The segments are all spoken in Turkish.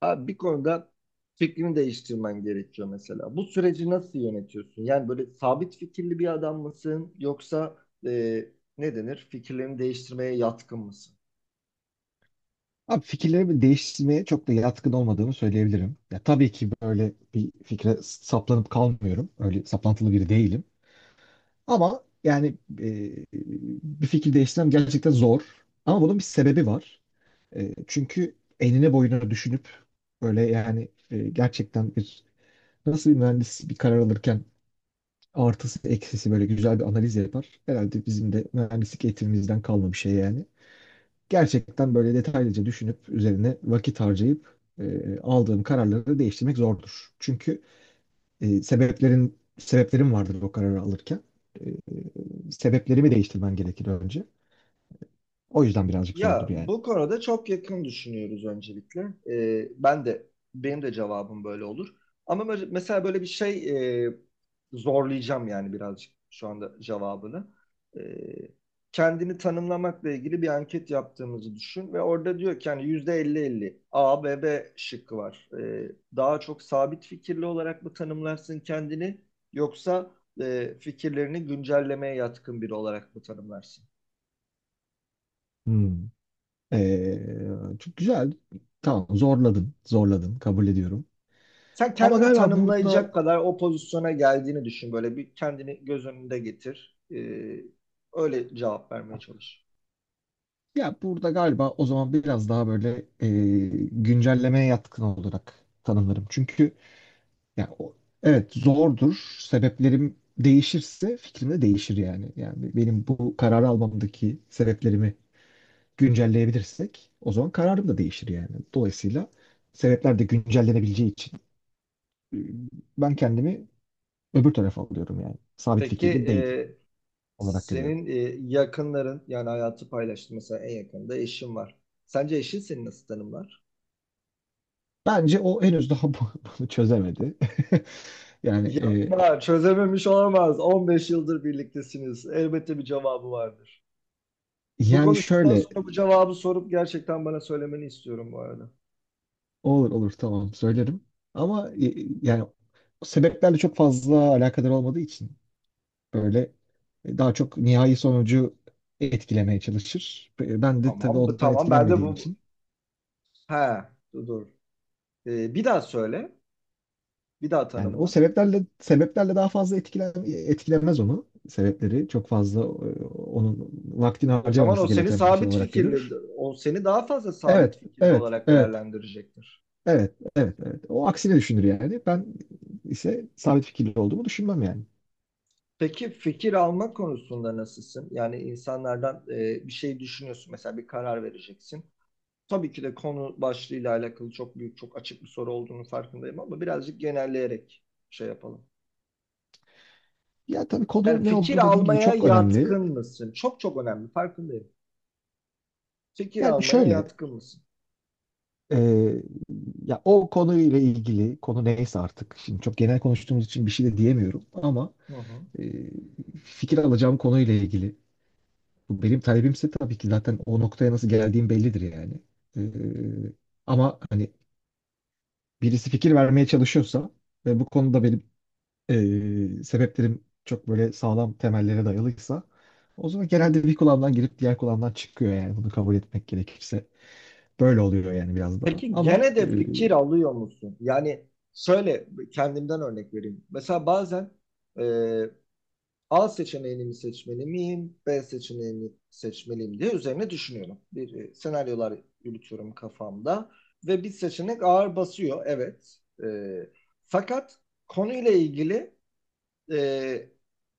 Abi bir konuda fikrini değiştirmen gerekiyor mesela. Bu süreci nasıl yönetiyorsun? Yani böyle sabit fikirli bir adam mısın yoksa e, ne denir? Fikirlerini değiştirmeye yatkın mısın? Abi fikirlerimi değiştirmeye çok da yatkın olmadığımı söyleyebilirim. Ya tabii ki böyle bir fikre saplanıp kalmıyorum. Öyle saplantılı biri değilim. Ama e, bir fikir değiştirmem gerçekten zor. Ama bunun bir sebebi var. Çünkü enine boyuna düşünüp gerçekten bir nasıl bir mühendis bir karar alırken artısı eksisi böyle güzel bir analiz yapar. Herhalde bizim de mühendislik eğitimimizden kalma bir şey yani gerçekten böyle detaylıca düşünüp üzerine vakit harcayıp aldığım kararları değiştirmek zordur. Çünkü e, sebeplerin sebeplerim vardır o kararı alırken. Sebeplerimi değiştirmen gerekir önce. O yüzden birazcık Ya zordur yani. bu konuda çok yakın düşünüyoruz öncelikle. Ben de benim de cevabım böyle olur. Ama mesela böyle bir şey e, zorlayacağım yani birazcık şu anda cevabını. Ee, Kendini tanımlamakla ilgili bir anket yaptığımızı düşün ve orada diyor ki yani yüzde %50-50 A ve B şıkkı var. Daha çok sabit fikirli olarak mı tanımlarsın kendini yoksa fikirlerini güncellemeye yatkın biri olarak mı tanımlarsın? Hmm. Ee, Çok güzel. Tamam, zorladın. Zorladın. Kabul ediyorum. Sen Ama kendini galiba burada tanımlayacak kadar o pozisyona geldiğini düşün. Böyle bir kendini göz önünde getir. Öyle cevap vermeye çalış. ya, burada galiba o zaman biraz daha güncellemeye yatkın olarak tanımlarım. Çünkü ya o, evet zordur. Sebeplerim değişirse fikrim de değişir yani. Yani benim bu karar almamdaki sebeplerimi güncelleyebilirsek o zaman kararım da değişir yani. Dolayısıyla sebepler de güncellenebileceği için e, ben kendimi öbür tarafa alıyorum yani. Sabit Peki fikirli değil olarak görüyorum. senin yakınların yani hayatı paylaştın mesela en yakında eşin var. Sence eşin seni nasıl tanımlar? Bence o henüz daha bunu çözemedi. Yani e, Yapma, çözememiş olamaz. 15 yıldır birliktesiniz. Elbette bir cevabı vardır. Bu yani konuşmadan şöyle, sonra bu cevabı sorup gerçekten bana söylemeni istiyorum bu arada. olur olur, tamam söylerim, ama yani sebeplerle çok fazla alakadar olmadığı için böyle daha çok nihai sonucu etkilemeye çalışır. Ben de tabii Tamam, ondan tamam. Ben de etkilenmediğim bu... için He, dur. Dur. Bir daha söyle. Bir daha yani o tanımla. sebeplerle sebeplerle daha fazla etkilemez onu. Sebepleri çok fazla onun vaktini O zaman o harcamaması seni gereken bir şey sabit olarak fikirli, görür. o seni daha fazla sabit Evet, fikirli evet, olarak evet. değerlendirecektir. Evet, evet, evet. O aksine düşünür yani. Ben ise sabit fikirli olduğumu düşünmem yani. Peki fikir alma konusunda nasılsın? Yani insanlardan bir şey düşünüyorsun, mesela bir karar vereceksin. Tabii ki de konu başlığıyla alakalı çok büyük, çok açık bir soru olduğunu farkındayım ama birazcık genelleyerek şey yapalım. Ya tabii Yani konu ne fikir olduğu dediğin gibi almaya çok önemli. yatkın mısın? Çok çok önemli, farkındayım. Fikir Yani almaya şöyle, yatkın mısın? e, ya o konuyla ilgili, konu neyse artık. Şimdi çok genel konuştuğumuz için bir şey de diyemiyorum ama Hı hı. e, fikir alacağım konuyla ilgili. Bu benim talebimse tabii ki zaten o noktaya nasıl geldiğim bellidir yani. E, Ama hani birisi fikir vermeye çalışıyorsa ve bu konuda benim sebeplerim çok böyle sağlam temellere dayalıysa, o zaman genelde bir kulağımdan girip diğer kulağımdan çıkıyor yani, bunu kabul etmek gerekirse. Böyle oluyor yani biraz da. Peki Ama gene de fikir alıyor musun? Yani şöyle kendimden örnek vereyim. Mesela bazen e, A seçeneğini mi seçmeli miyim, B seçeneğini seçmeliyim diye üzerine düşünüyorum. Bir senaryolar yürütüyorum kafamda ve bir seçenek ağır basıyor, evet. Fakat konuyla ilgili e,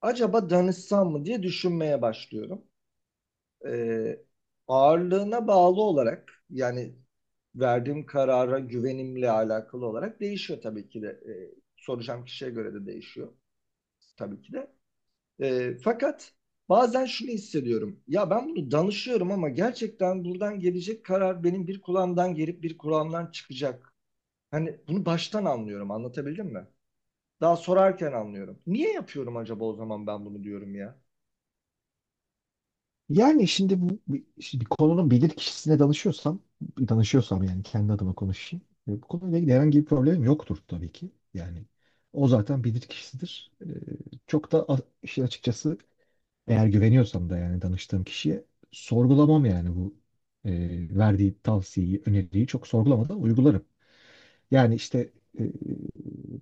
acaba danışsam mı diye düşünmeye başlıyorum e, ağırlığına bağlı olarak yani verdiğim karara güvenimle alakalı olarak değişiyor tabii ki de. Soracağım kişiye göre de değişiyor tabii ki de. Fakat bazen şunu hissediyorum. Ya ben bunu danışıyorum ama gerçekten buradan gelecek karar benim bir kulağımdan gelip bir kulağımdan çıkacak. Hani bunu baştan anlıyorum. Anlatabildim mi? Daha sorarken anlıyorum. Niye yapıyorum acaba o zaman ben bunu diyorum ya? yani şimdi bir konunun bilir kişisine danışıyorsam yani, kendi adıma konuşayım. Bu konuyla ilgili herhangi bir problemim yoktur tabii ki. Yani o zaten bilir kişisidir. İşin açıkçası, eğer güveniyorsam da yani danıştığım kişiye, sorgulamam yani bu e, verdiği tavsiyeyi, öneriyi çok sorgulamadan uygularım. Yani işte, e,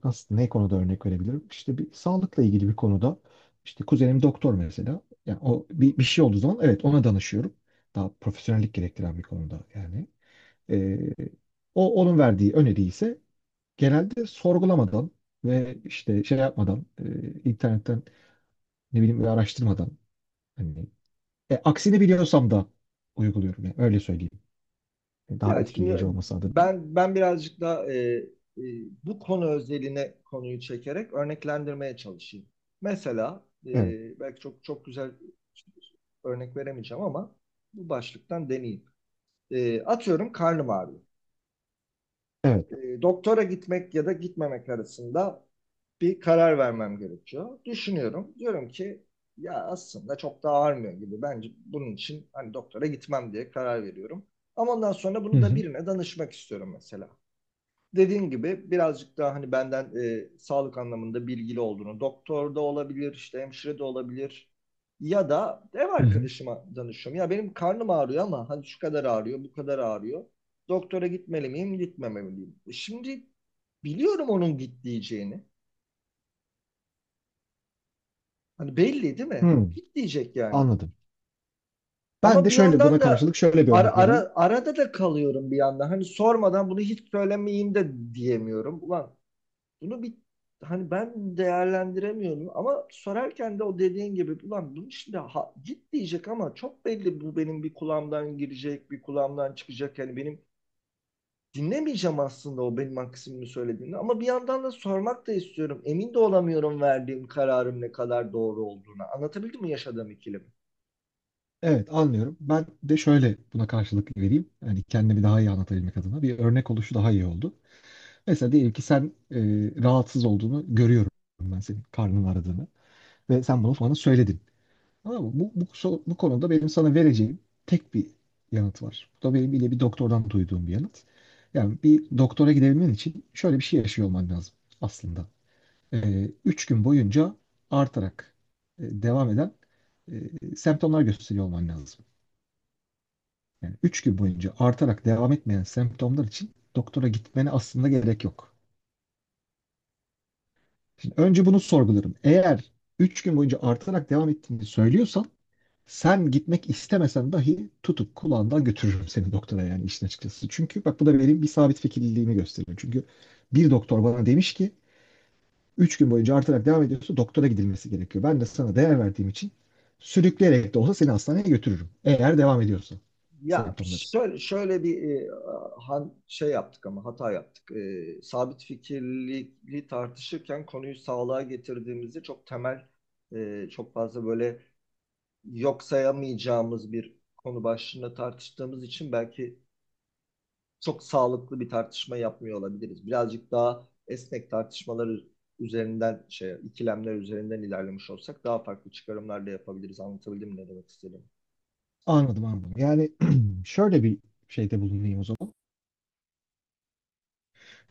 nasıl, ne konuda örnek verebilirim? İşte bir sağlıkla ilgili bir konuda işte kuzenim doktor mesela. Yani o bir şey olduğu zaman evet ona danışıyorum. Daha profesyonellik gerektiren bir konuda yani. E, onun verdiği öneri ise genelde sorgulamadan ve işte şey yapmadan, internetten ne bileyim bir araştırmadan, hani aksini biliyorsam da uyguluyorum. Yani öyle söyleyeyim. Daha Ya şimdi etkileyici olması adına. ben birazcık da e, bu konu özeline konuyu çekerek örneklendirmeye çalışayım. Mesela Evet. belki çok çok güzel örnek veremeyeceğim ama bu başlıktan deneyeyim. Atıyorum karnım ağrıyor. Evet. Doktora gitmek ya da gitmemek arasında bir karar vermem gerekiyor. Düşünüyorum. Diyorum ki ya aslında çok da ağrımıyor gibi. Bence bunun için hani doktora gitmem diye karar veriyorum. Ama ondan sonra Hı bunu da hı. birine danışmak istiyorum mesela dediğin gibi birazcık daha hani benden sağlık anlamında bilgili olduğunu, doktor da olabilir, işte hemşire de olabilir ya da ev Hı hı. arkadaşıma danışıyorum. Ya benim karnım ağrıyor ama hani şu kadar ağrıyor, bu kadar ağrıyor. Doktora gitmeli miyim, gitmemeli miyim? E, şimdi biliyorum onun git diyeceğini. Hani belli değil mi? Hmm, Git diyecek yani. anladım. Ben Ama de bir şöyle yandan buna da karşılık şöyle bir ara, örnek vereyim. ara, arada da kalıyorum bir yandan. Hani sormadan bunu hiç söylemeyeyim de diyemiyorum. Ulan bunu bir hani ben değerlendiremiyorum ama sorarken de o dediğin gibi ulan bunu şimdi ha, git diyecek ama çok belli bu benim bir kulağımdan girecek bir kulağımdan çıkacak yani benim dinlemeyeceğim aslında o benim maksimimi söylediğini ama bir yandan da sormak da istiyorum emin de olamıyorum verdiğim kararın ne kadar doğru olduğuna anlatabildim mi yaşadığım ikilemi? Evet, anlıyorum. Ben de şöyle buna karşılık vereyim. Yani kendimi daha iyi anlatabilmek adına bir örnek oluşu daha iyi oldu. Mesela diyelim ki sen, e, rahatsız olduğunu görüyorum, ben senin karnın aradığını ve sen bunu bana söyledin. Tamam mı? Bu konuda benim sana vereceğim tek bir yanıt var. Bu da benim yine bir doktordan duyduğum bir yanıt. Yani bir doktora gidebilmen için şöyle bir şey yaşıyor olman lazım aslında. Üç gün boyunca artarak devam eden semptomlar gösteriyor olman lazım. Yani üç gün boyunca artarak devam etmeyen semptomlar için doktora gitmene aslında gerek yok. Şimdi önce bunu sorgularım. Eğer üç gün boyunca artarak devam ettiğini söylüyorsan, sen gitmek istemesen dahi tutup kulağından götürürüm seni doktora yani, işin açıkçası. Çünkü bak, bu da benim bir sabit fikirliliğimi gösteriyor. Çünkü bir doktor bana demiş ki 3 gün boyunca artarak devam ediyorsa doktora gidilmesi gerekiyor. Ben de sana değer verdiğim için sürükleyerek de olsa seni hastaneye götürürüm, eğer devam ediyorsa Ya semptomları. şöyle, şöyle bir şey yaptık ama hata yaptık. Sabit fikirliliği tartışırken konuyu sağlığa getirdiğimizde çok temel, çok fazla böyle yok sayamayacağımız bir konu başlığında tartıştığımız için belki çok sağlıklı bir tartışma yapmıyor olabiliriz. Birazcık daha esnek tartışmaları üzerinden, şey, ikilemler üzerinden ilerlemiş olsak daha farklı çıkarımlar da yapabiliriz. Anlatabildim mi ne demek istedim? Anladım, anladım. Yani şöyle bir şeyde bulunayım o zaman.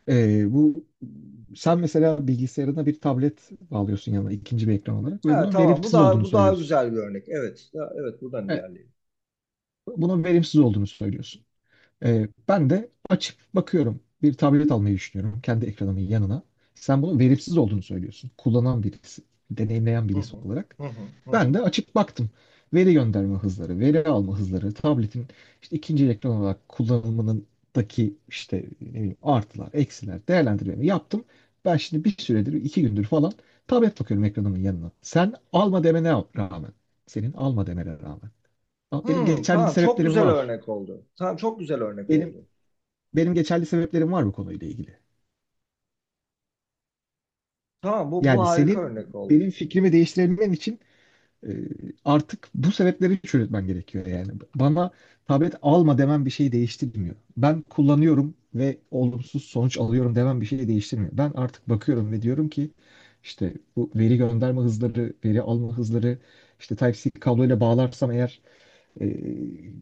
Bu sen mesela bilgisayarına bir tablet bağlıyorsun yanına, ikinci bir ekran olarak, ve Ha, bunun tamam. Bu verimsiz daha olduğunu bu daha söylüyorsun. güzel bir örnek. Evet. Ya, evet buradan E, ilerleyelim. Bunun verimsiz olduğunu söylüyorsun. Ben de açıp bakıyorum. Bir tablet almayı düşünüyorum kendi ekranımın yanına. Sen bunun verimsiz olduğunu söylüyorsun, kullanan birisi, deneyimleyen Hı birisi hı. olarak. Hı hı. Hı Ben hı. de açıp baktım. Veri gönderme hızları, veri alma hızları, tabletin işte ikinci ekran olarak kullanımındaki işte ne bileyim artılar, eksiler, değerlendirmemi yaptım. Ben şimdi bir süredir, iki gündür falan tablet bakıyorum ekranımın yanına, sen alma demene rağmen, senin alma demene rağmen. Ama benim Hmm, geçerli tamam çok sebeplerim güzel var. örnek oldu. Tamam çok güzel örnek Benim oldu. Benim geçerli sebeplerim var bu konuyla ilgili. Tamam bu Yani harika senin örnek oldu. benim fikrimi değiştirebilmen için e, artık bu sebepleri çürütmen gerekiyor yani. Bana tablet alma demem bir şeyi değiştirmiyor. Ben kullanıyorum ve olumsuz sonuç alıyorum demem bir şeyi değiştirmiyor. Ben artık bakıyorum ve diyorum ki işte bu veri gönderme hızları, veri alma hızları, işte Type-C kabloyla bağlarsam eğer, e,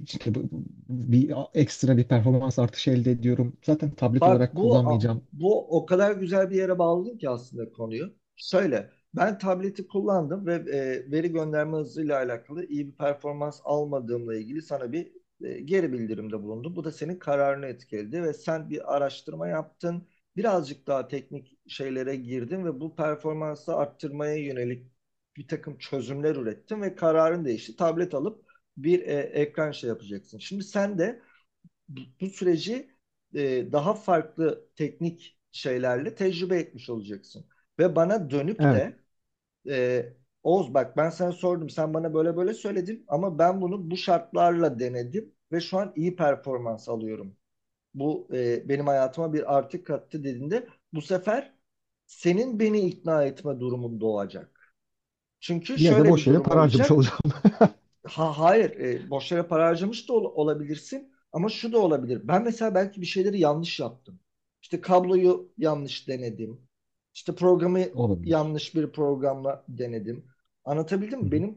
işte bu- bu- bir ekstra bir performans artışı elde ediyorum. Zaten tablet Bak olarak bu kullanmayacağım. bu o kadar güzel bir yere bağladın ki aslında konuyu. Şöyle ben tableti kullandım ve veri gönderme hızıyla alakalı iyi bir performans almadığımla ilgili sana bir geri bildirimde bulundum. Bu da senin kararını etkiledi ve sen bir araştırma yaptın. Birazcık daha teknik şeylere girdin ve bu performansı arttırmaya yönelik bir takım çözümler ürettin ve kararın değişti. Tablet alıp bir ekran şey yapacaksın. Şimdi sen de bu, süreci daha farklı teknik şeylerle tecrübe etmiş olacaksın. Ve bana dönüp de e, Oğuz bak ben sana sordum sen bana böyle böyle söyledin ama ben bunu bu şartlarla denedim ve şu an iyi performans alıyorum. Bu benim hayatıma bir artı kattı dediğinde bu sefer senin beni ikna etme durumun doğacak. Çünkü Ya da şöyle bir boş yere durum para harcamış olacak. olacağım. Ha, hayır, boş yere para harcamış da olabilirsin ama şu da olabilir. Ben mesela belki bir şeyleri yanlış yaptım. İşte kabloyu yanlış denedim. İşte programı Olabilir. yanlış bir programla denedim. Anlatabildim Hı mi? hı, Benim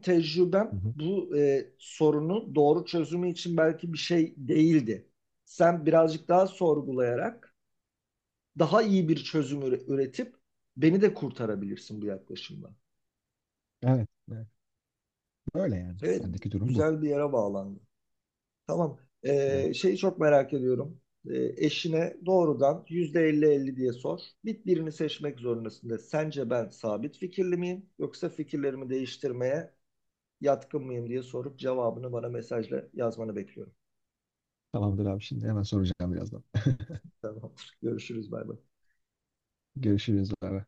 hı tecrübem hı. bu sorunu doğru çözümü için belki bir şey değildi. Sen birazcık daha sorgulayarak daha iyi bir çözüm üretip beni de kurtarabilirsin bu yaklaşımla. Evet, evet. Böyle yani. Evet, Bendeki durum bu. güzel bir yere bağlandı. Tamam. Evet. Şeyi çok merak ediyorum. Eşine doğrudan yüzde elli elli diye sor. Birini seçmek zorundasın de. Sence ben sabit fikirli miyim? Yoksa fikirlerimi değiştirmeye yatkın mıyım diye sorup cevabını bana mesajla yazmanı bekliyorum. Tamamdır abi, şimdi hemen soracağım birazdan. Tamam. Görüşürüz. Bay bay. Görüşürüz. Bay bay.